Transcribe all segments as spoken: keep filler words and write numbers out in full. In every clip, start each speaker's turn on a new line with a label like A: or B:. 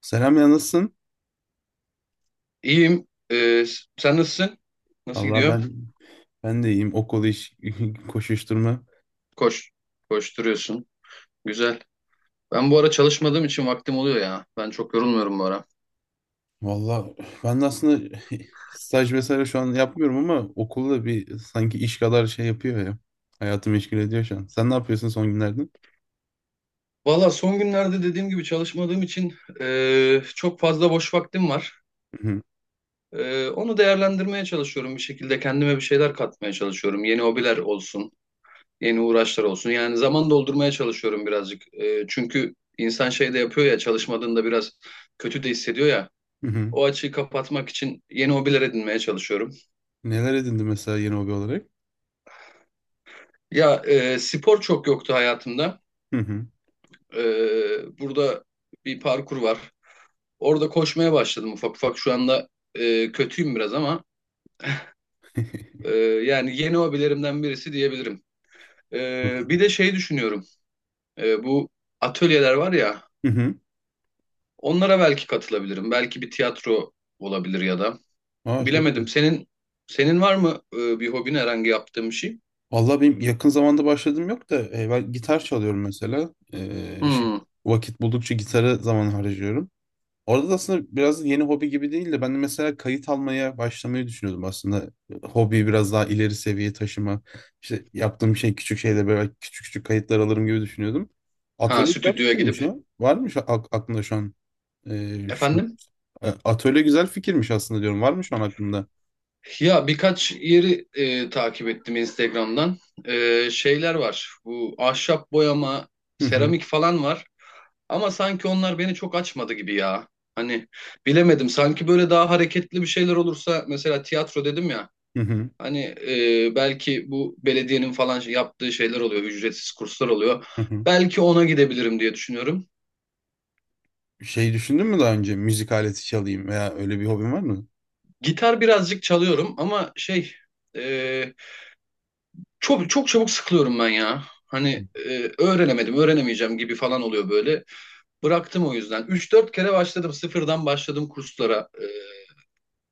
A: Selam ya, nasılsın?
B: İyiyim. Ee, sen nasılsın? Nasıl
A: Valla
B: gidiyor?
A: ben ben de iyiyim. Okul, iş koşuşturma.
B: Koş. Koşturuyorsun. Güzel. Ben bu ara çalışmadığım için vaktim oluyor ya. Ben çok yorulmuyorum bu ara.
A: Valla ben de aslında staj vesaire şu an yapmıyorum ama okulda bir sanki iş kadar şey yapıyor ya. Hayatımı meşgul ediyor şu an. Sen ne yapıyorsun son günlerde?
B: Valla son günlerde dediğim gibi çalışmadığım için e, çok fazla boş vaktim var.
A: Hı hı,
B: E, onu değerlendirmeye çalışıyorum bir şekilde. Kendime bir şeyler katmaya çalışıyorum. Yeni hobiler olsun, yeni uğraşlar olsun. Yani zaman doldurmaya çalışıyorum birazcık. E, çünkü insan şey de yapıyor ya, çalışmadığında biraz kötü de hissediyor ya.
A: hı hı.
B: O açığı kapatmak için yeni hobiler edinmeye çalışıyorum.
A: Neler edindin mesela yeni hobi olarak?
B: Ya e, spor çok yoktu hayatımda.
A: Hı hı.
B: E, burada bir parkur var. Orada koşmaya başladım ufak ufak. Şu anda e, kötüyüm biraz ama e, yani yeni hobilerimden birisi diyebilirim. E, Bir de şey düşünüyorum. E, bu atölyeler var ya
A: Hı hı.
B: onlara belki katılabilirim. Belki bir tiyatro olabilir ya da.
A: Aa, çok iyi.
B: Bilemedim. Senin senin var mı e, bir hobin herhangi yaptığın bir şey?
A: Valla benim yakın zamanda başladığım yok da e, ben gitar çalıyorum mesela. E, şey,
B: Hmm.
A: vakit buldukça gitara zaman harcıyorum. Orada da aslında biraz yeni hobi gibi değil de ben de mesela kayıt almaya başlamayı düşünüyordum aslında. Hobiyi biraz daha ileri seviyeye taşıma. İşte yaptığım şey küçük şeyde böyle küçük küçük kayıtlar alırım gibi düşünüyordum.
B: Ha
A: Atölye güzel
B: stüdyoya
A: fikirmiş
B: gidip.
A: ya. Var mı şu, ak- aklında şu an? Ee, şu,
B: Efendim?
A: e, Atölye güzel fikirmiş aslında diyorum. Var mı şu an aklında?
B: Ya birkaç yeri e, takip ettim Instagram'dan. E, şeyler var. Bu ahşap boyama,
A: Hı hı,
B: seramik falan var. Ama sanki onlar beni çok açmadı gibi ya. Hani bilemedim. Sanki böyle daha hareketli bir şeyler olursa mesela tiyatro dedim ya.
A: hı hı,
B: Hani e, belki bu belediyenin falan şey- yaptığı şeyler oluyor, ücretsiz kurslar oluyor.
A: hı hı.
B: Belki ona gidebilirim diye düşünüyorum.
A: Şey düşündün mü daha önce? Müzik aleti çalayım veya öyle bir hobin var mı?
B: Gitar birazcık çalıyorum ama şey e, çok çok çabuk sıkılıyorum ben ya. Hani e, öğrenemedim, öğrenemeyeceğim gibi falan oluyor böyle. Bıraktım o yüzden. Üç dört kere başladım, sıfırdan başladım kurslara e,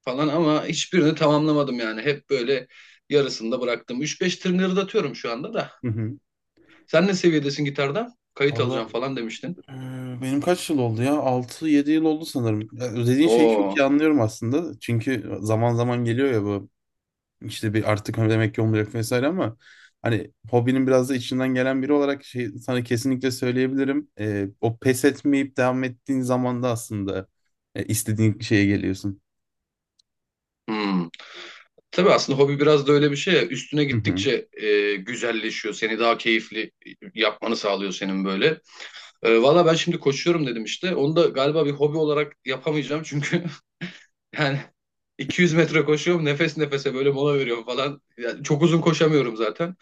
B: falan ama hiçbirini tamamlamadım yani. Hep böyle yarısında bıraktım. Üç beş tırnırdatıyorum şu anda da.
A: Hı
B: Sen ne seviyedesin gitarda? Kayıt
A: hı.
B: alacağım falan demiştin.
A: Ee, Benim kaç yıl oldu ya? Altı yedi yıl oldu sanırım. Ya, dediğin şeyi çok
B: Oo.
A: iyi anlıyorum aslında. Çünkü e, zaman zaman geliyor ya bu işte, bir artık hani demek ki olmayacak vesaire ama hani hobinin biraz da içinden gelen biri olarak şey, sana kesinlikle söyleyebilirim. Ee, o pes etmeyip devam ettiğin zaman da aslında e, istediğin şeye geliyorsun.
B: Hmm. Tabii aslında hobi biraz da öyle bir şey ya. Üstüne
A: Hı hı.
B: gittikçe e, güzelleşiyor. Seni daha keyifli yapmanı sağlıyor senin böyle. E, valla ben şimdi koşuyorum dedim işte. Onu da galiba bir hobi olarak yapamayacağım çünkü yani iki yüz metre koşuyorum nefes nefese böyle mola veriyorum falan. Yani çok uzun koşamıyorum zaten.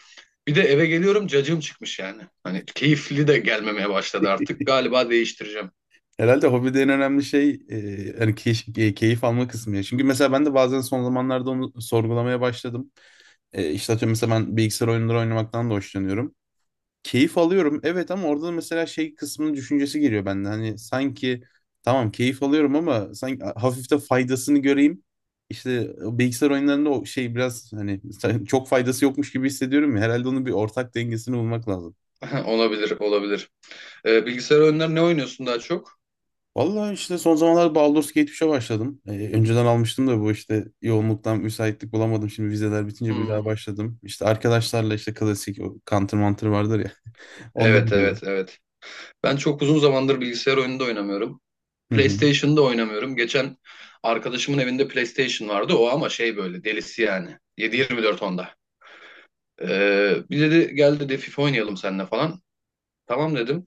B: Bir de eve geliyorum cacığım çıkmış yani. Hani keyifli de gelmemeye başladı artık. Galiba değiştireceğim.
A: Herhalde hobide en önemli şey e, hani key- e, keyif alma kısmı ya. Çünkü mesela ben de bazen son zamanlarda onu sorgulamaya başladım. E, işte atıyorum, mesela ben bilgisayar oyunları oynamaktan da hoşlanıyorum, keyif alıyorum. Evet, ama orada da mesela şey kısmının düşüncesi geliyor bende. Hani sanki tamam, keyif alıyorum ama sanki hafif de faydasını göreyim. İşte e, o bilgisayar oyunlarında o şey biraz hani çok faydası yokmuş gibi hissediyorum ya. Herhalde onun bir ortak dengesini bulmak lazım.
B: Olabilir, olabilir. E, bilgisayar oyunları ne oynuyorsun daha çok?
A: Vallahi, işte son zamanlarda Baldur's Gate üçe başladım. Ee, önceden almıştım da bu işte yoğunluktan müsaitlik bulamadım. Şimdi vizeler bitince bir daha
B: Hmm,
A: başladım. İşte arkadaşlarla işte klasik o Counter Mantır vardır ya.
B: evet,
A: Onları
B: evet, evet. Ben çok uzun zamandır bilgisayar oyunu da oynamıyorum.
A: diyelim.
B: PlayStation'da oynamıyorum. Geçen arkadaşımın evinde PlayStation vardı. O ama şey böyle delisi yani. yedi yirmi dört onda. Ee, bir dedi gel dedi FIFA oynayalım seninle falan. Tamam dedim.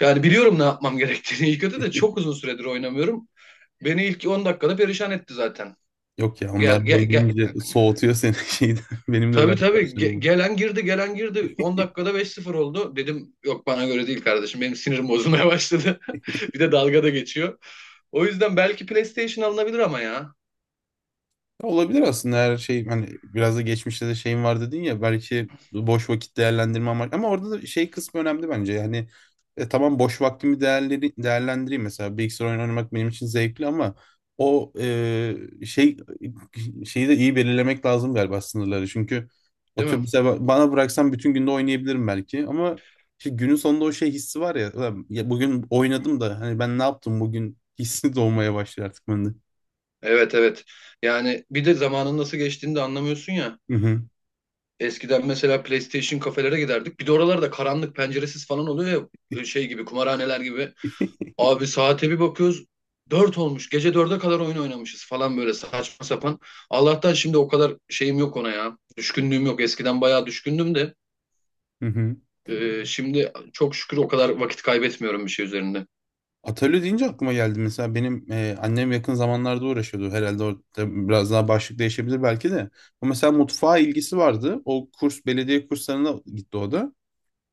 B: Yani biliyorum ne yapmam gerektiğini iyi kötü de çok uzun süredir oynamıyorum. Beni ilk on dakikada perişan etti zaten.
A: Yok ya, onlar
B: Gel gel gel.
A: oynayınca soğutuyor seni şeyden. Benim de öyle
B: Tabii tabii
A: arkadaşlarım
B: Ge-
A: var.
B: gelen girdi gelen girdi on dakikada beş sıfır oldu. Dedim yok bana göre değil kardeşim benim sinirim bozulmaya başladı. Bir de dalga da geçiyor. O yüzden belki PlayStation alınabilir ama ya.
A: Olabilir aslında, her şey hani biraz da geçmişte de şeyim var dedin ya, belki boş vakit değerlendirme amaç ama orada da şey kısmı önemli bence. Yani e, tamam, boş vaktimi değerleri, değerlendireyim, mesela bilgisayar oyunu oynamak benim için zevkli ama o e, şey şeyi de iyi belirlemek lazım galiba, sınırları. Çünkü
B: Değil
A: otur
B: mi?
A: mesela, ba- bana bıraksan bütün günde oynayabilirim belki ama işte günün sonunda o şey hissi var ya, "Ulan ya, bugün oynadım da hani ben ne yaptım bugün" hissi doğmaya başlıyor artık bende.
B: Evet evet. Yani bir de zamanın nasıl geçtiğini de anlamıyorsun ya.
A: Hı hı.
B: Eskiden mesela PlayStation kafelere giderdik. Bir de oralarda karanlık penceresiz falan oluyor ya e, şey gibi kumarhaneler gibi. Abi saate bir bakıyoruz. Dört olmuş. Gece dörde kadar oyun oynamışız falan böyle saçma sapan. Allah'tan şimdi o kadar şeyim yok ona ya. Düşkünlüğüm yok. Eskiden bayağı düşkündüm de.
A: Hı hı.
B: E, şimdi çok şükür o kadar vakit kaybetmiyorum bir şey üzerinde.
A: Atölye deyince aklıma geldi. Mesela benim e, annem yakın zamanlarda uğraşıyordu. Herhalde orada biraz daha başlık değişebilir belki de. O mesela mutfağa ilgisi vardı. O kurs, belediye kurslarına gitti o da.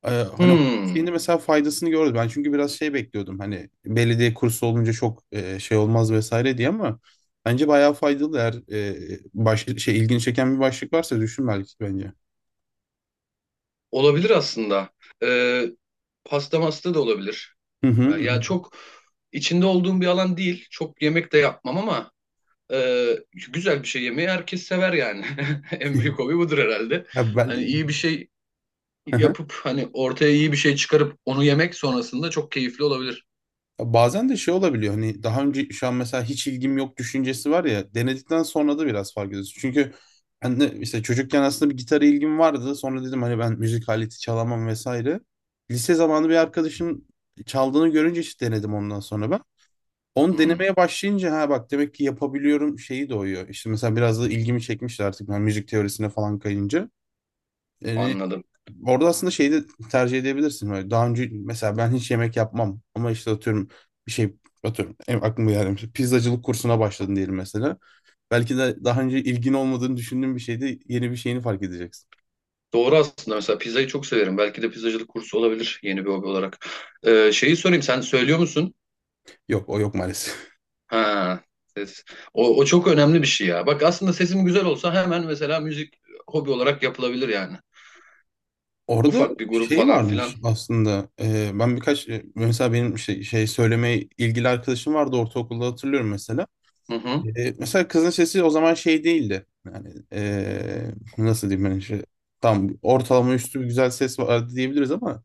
A: E, hani
B: Hmm,
A: şimdi mesela faydasını gördüm. Ben çünkü biraz şey bekliyordum. Hani belediye kursu olunca çok e, şey olmaz vesaire diye, ama bence bayağı faydalı. Eğer e, baş, şey, ilgini çeken bir başlık varsa düşün belki, bence.
B: olabilir aslında. Ee, Pasta masta da olabilir.
A: Hı
B: Ben-
A: hı.
B: Ya çok içinde olduğum bir alan değil. Çok yemek de yapmam ama e, güzel bir şey yemeyi herkes sever yani. En büyük hobi budur herhalde.
A: Ya
B: Hani
A: ben...
B: iyi bir şey yapıp hani ortaya iyi bir şey çıkarıp onu yemek sonrasında çok keyifli olabilir.
A: Ya, bazen de şey olabiliyor, hani daha önce şu an mesela hiç ilgim yok düşüncesi var ya, denedikten sonra da biraz fark ediyorsun. Çünkü ben de işte çocukken aslında bir gitara ilgim vardı. Sonra dedim hani ben müzik aleti çalamam vesaire. Lise zamanı bir arkadaşım çaldığını görünce işte denedim ondan sonra ben. Onu
B: Hmm,
A: denemeye başlayınca, ha bak, demek ki yapabiliyorum şeyi doğuyor. İşte mesela biraz da ilgimi çekmişti artık ben müzik teorisine falan kayınca. Yani
B: anladım.
A: orada aslında şeyi de tercih edebilirsin. Böyle daha önce mesela ben hiç yemek yapmam ama işte atıyorum, bir şey atıyorum, en aklıma geldi. Pizzacılık kursuna başladın diyelim mesela. Belki de daha önce ilgin olmadığını düşündüğün bir şeyde yeni bir şeyini fark edeceksin.
B: Doğru aslında mesela pizzayı çok severim. Belki de pizzacılık kursu olabilir yeni bir hobi olarak. E, şeyi sorayım sen söylüyor musun?
A: Yok, o yok maalesef.
B: Ha, ses. O, o çok önemli bir şey ya. Bak aslında sesim güzel olsa hemen mesela müzik hobi olarak yapılabilir yani.
A: Orada
B: Ufak bir grup
A: şey
B: falan
A: varmış
B: filan.
A: aslında. Ee, ben birkaç e, mesela benim şey, şey söylemeye ilgili arkadaşım vardı ortaokulda, hatırlıyorum mesela.
B: Hı hı.
A: E, mesela kızın sesi o zaman şey değildi. Yani e, nasıl diyeyim ben, işte tam ortalama üstü bir güzel ses vardı diyebiliriz ama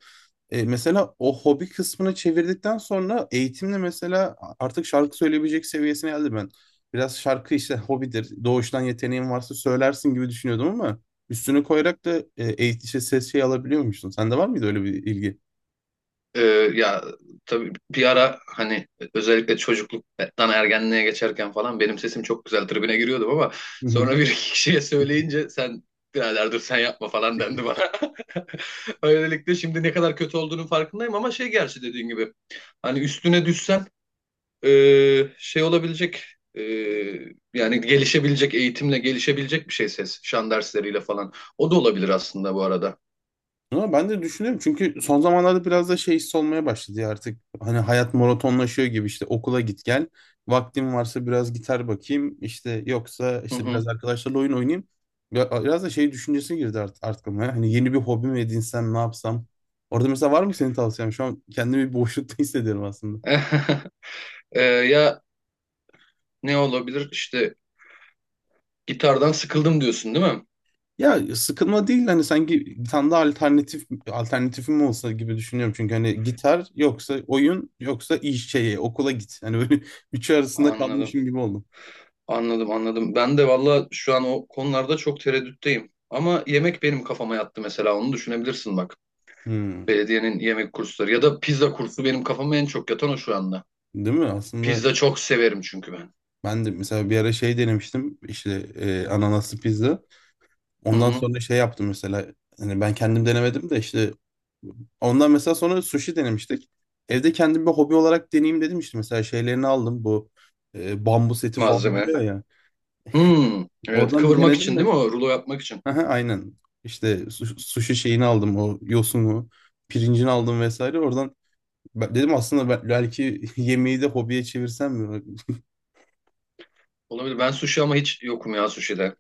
A: e, mesela o hobi kısmını çevirdikten sonra eğitimle mesela artık şarkı söyleyebilecek seviyesine geldi ben. Biraz şarkı işte hobidir. Doğuştan yeteneğin varsa söylersin gibi düşünüyordum ama üstüne koyarak da e, eğitici ses şey alabiliyormuşsun. Sende var mıydı öyle bir ilgi?
B: Ee, Ya tabii bir ara hani özellikle çocukluktan ergenliğe geçerken falan benim sesim çok güzel tribüne giriyordum ama sonra bir iki kişiye söyleyince sen birader dur sen yapma falan dendi bana. Öylelikle şimdi ne kadar kötü olduğunun farkındayım ama şey gerçi dediğin gibi hani üstüne düşsen e, şey olabilecek e, yani gelişebilecek eğitimle gelişebilecek bir şey ses şan dersleriyle falan. O da olabilir aslında bu arada.
A: Ama ben de düşünüyorum çünkü son zamanlarda biraz da şey hissi olmaya başladı ya artık. Hani hayat maratonlaşıyor gibi, işte okula git gel. Vaktim varsa biraz gitar bakayım, işte yoksa
B: Hı
A: işte
B: hı.
A: biraz arkadaşlarla oyun oynayayım. Ya- Biraz da şey düşüncesi girdi artık aklıma ya. Hani yeni bir hobi mi edinsem, ne yapsam. Orada mesela var mı senin tavsiyen? Şu an kendimi bir boşlukta hissediyorum aslında.
B: E, ya ne olabilir işte gitardan sıkıldım diyorsun değil mi?
A: Ya, sıkılma değil, hani sanki bir tane daha alternatif alternatifim olsa gibi düşünüyorum. Çünkü hani gitar yoksa oyun, yoksa iş şeye okula git. Hani böyle üçü arasında
B: Anladım.
A: kalmışım gibi oldum.
B: Anladım anladım. Ben de valla şu an o konularda çok tereddütteyim. Ama yemek benim kafama yattı mesela onu düşünebilirsin bak.
A: Hmm,
B: Belediyenin yemek kursları ya da pizza kursu benim kafama en çok yatan o şu anda.
A: değil mi? Aslında
B: Pizza çok severim çünkü ben.
A: ben de mesela bir ara şey denemiştim, işte e, ananaslı pizza.
B: Hı
A: Ondan
B: hı.
A: sonra şey yaptım mesela, hani ben kendim denemedim de işte ondan mesela sonra sushi denemiştik. Evde kendim bir hobi olarak deneyeyim dedim işte, mesela şeylerini aldım bu e, bambu seti falan
B: Malzeme.
A: diyor ya.
B: Hmm, evet
A: Oradan bir
B: kıvırmak
A: denedim.
B: için değil mi o? Rulo yapmak için.
A: Aha, aynen. İşte su- sushi şeyini aldım, o yosunu, pirincini aldım vesaire. Oradan ben- dedim, aslında ben- belki yemeği de hobiye çevirsem mi?
B: Olabilir. Ben sushi ama hiç yokum ya sushi'de.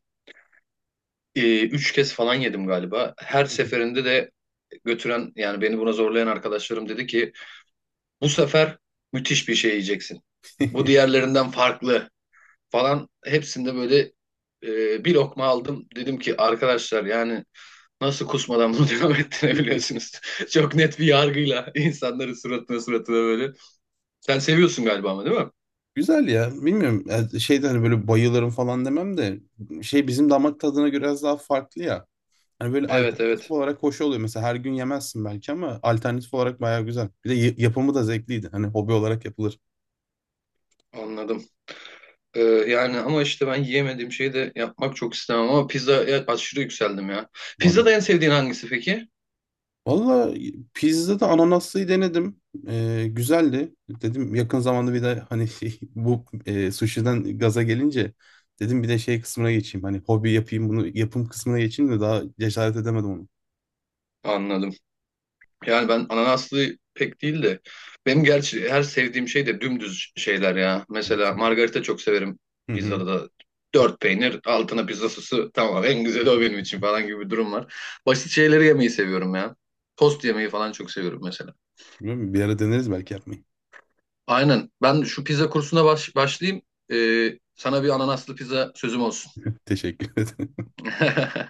B: Ee, üç kez falan yedim galiba. Her seferinde de götüren yani beni buna zorlayan arkadaşlarım dedi ki bu sefer müthiş bir şey yiyeceksin. Bu diğerlerinden farklı falan. Hepsinde böyle e, bir lokma aldım. Dedim ki arkadaşlar yani nasıl kusmadan bunu devam ettirebiliyorsunuz? Çok net bir yargıyla insanların suratına suratına böyle. Sen seviyorsun galiba ama değil mi?
A: Güzel ya. Bilmiyorum. Yani şeyde hani böyle bayılırım falan demem de şey, bizim damak tadına göre biraz daha farklı ya. Hani böyle
B: Evet
A: alternatif
B: evet
A: olarak hoş oluyor. Mesela her gün yemezsin belki ama alternatif olarak bayağı güzel. Bir de y- yapımı da zevkliydi. Hani hobi olarak yapılır.
B: anladım. Ee, yani ama işte ben yiyemediğim şeyi de yapmak çok istemem ama pizzaya aşırı yükseldim ya. Pizzada
A: Vallahi.
B: en sevdiğin hangisi peki?
A: Valla pizzada ananaslıyı denedim. Ee, güzeldi. Dedim yakın zamanda bir de hani bu e, sushi'den gaza gelince dedim bir de şey kısmına geçeyim. Hani hobi yapayım bunu, yapım kısmına geçeyim de daha cesaret edemedim onu.
B: Anladım. Yani ben ananaslı pek değil de benim gerçi her sevdiğim şey de dümdüz şeyler ya.
A: Evet.
B: Mesela margarita çok severim
A: Hı
B: pizzada
A: hı.
B: da. Dört peynir, altına pizza sosu tamam en güzeli o benim için falan gibi bir durum var. Basit şeyleri yemeyi seviyorum ya. Tost yemeyi falan çok seviyorum mesela.
A: Bilmiyorum, bir ara deneriz belki yapmayı.
B: Aynen. Ben şu pizza kursuna baş- başlayayım. Ee, sana bir ananaslı pizza sözüm olsun.
A: Teşekkür ederim.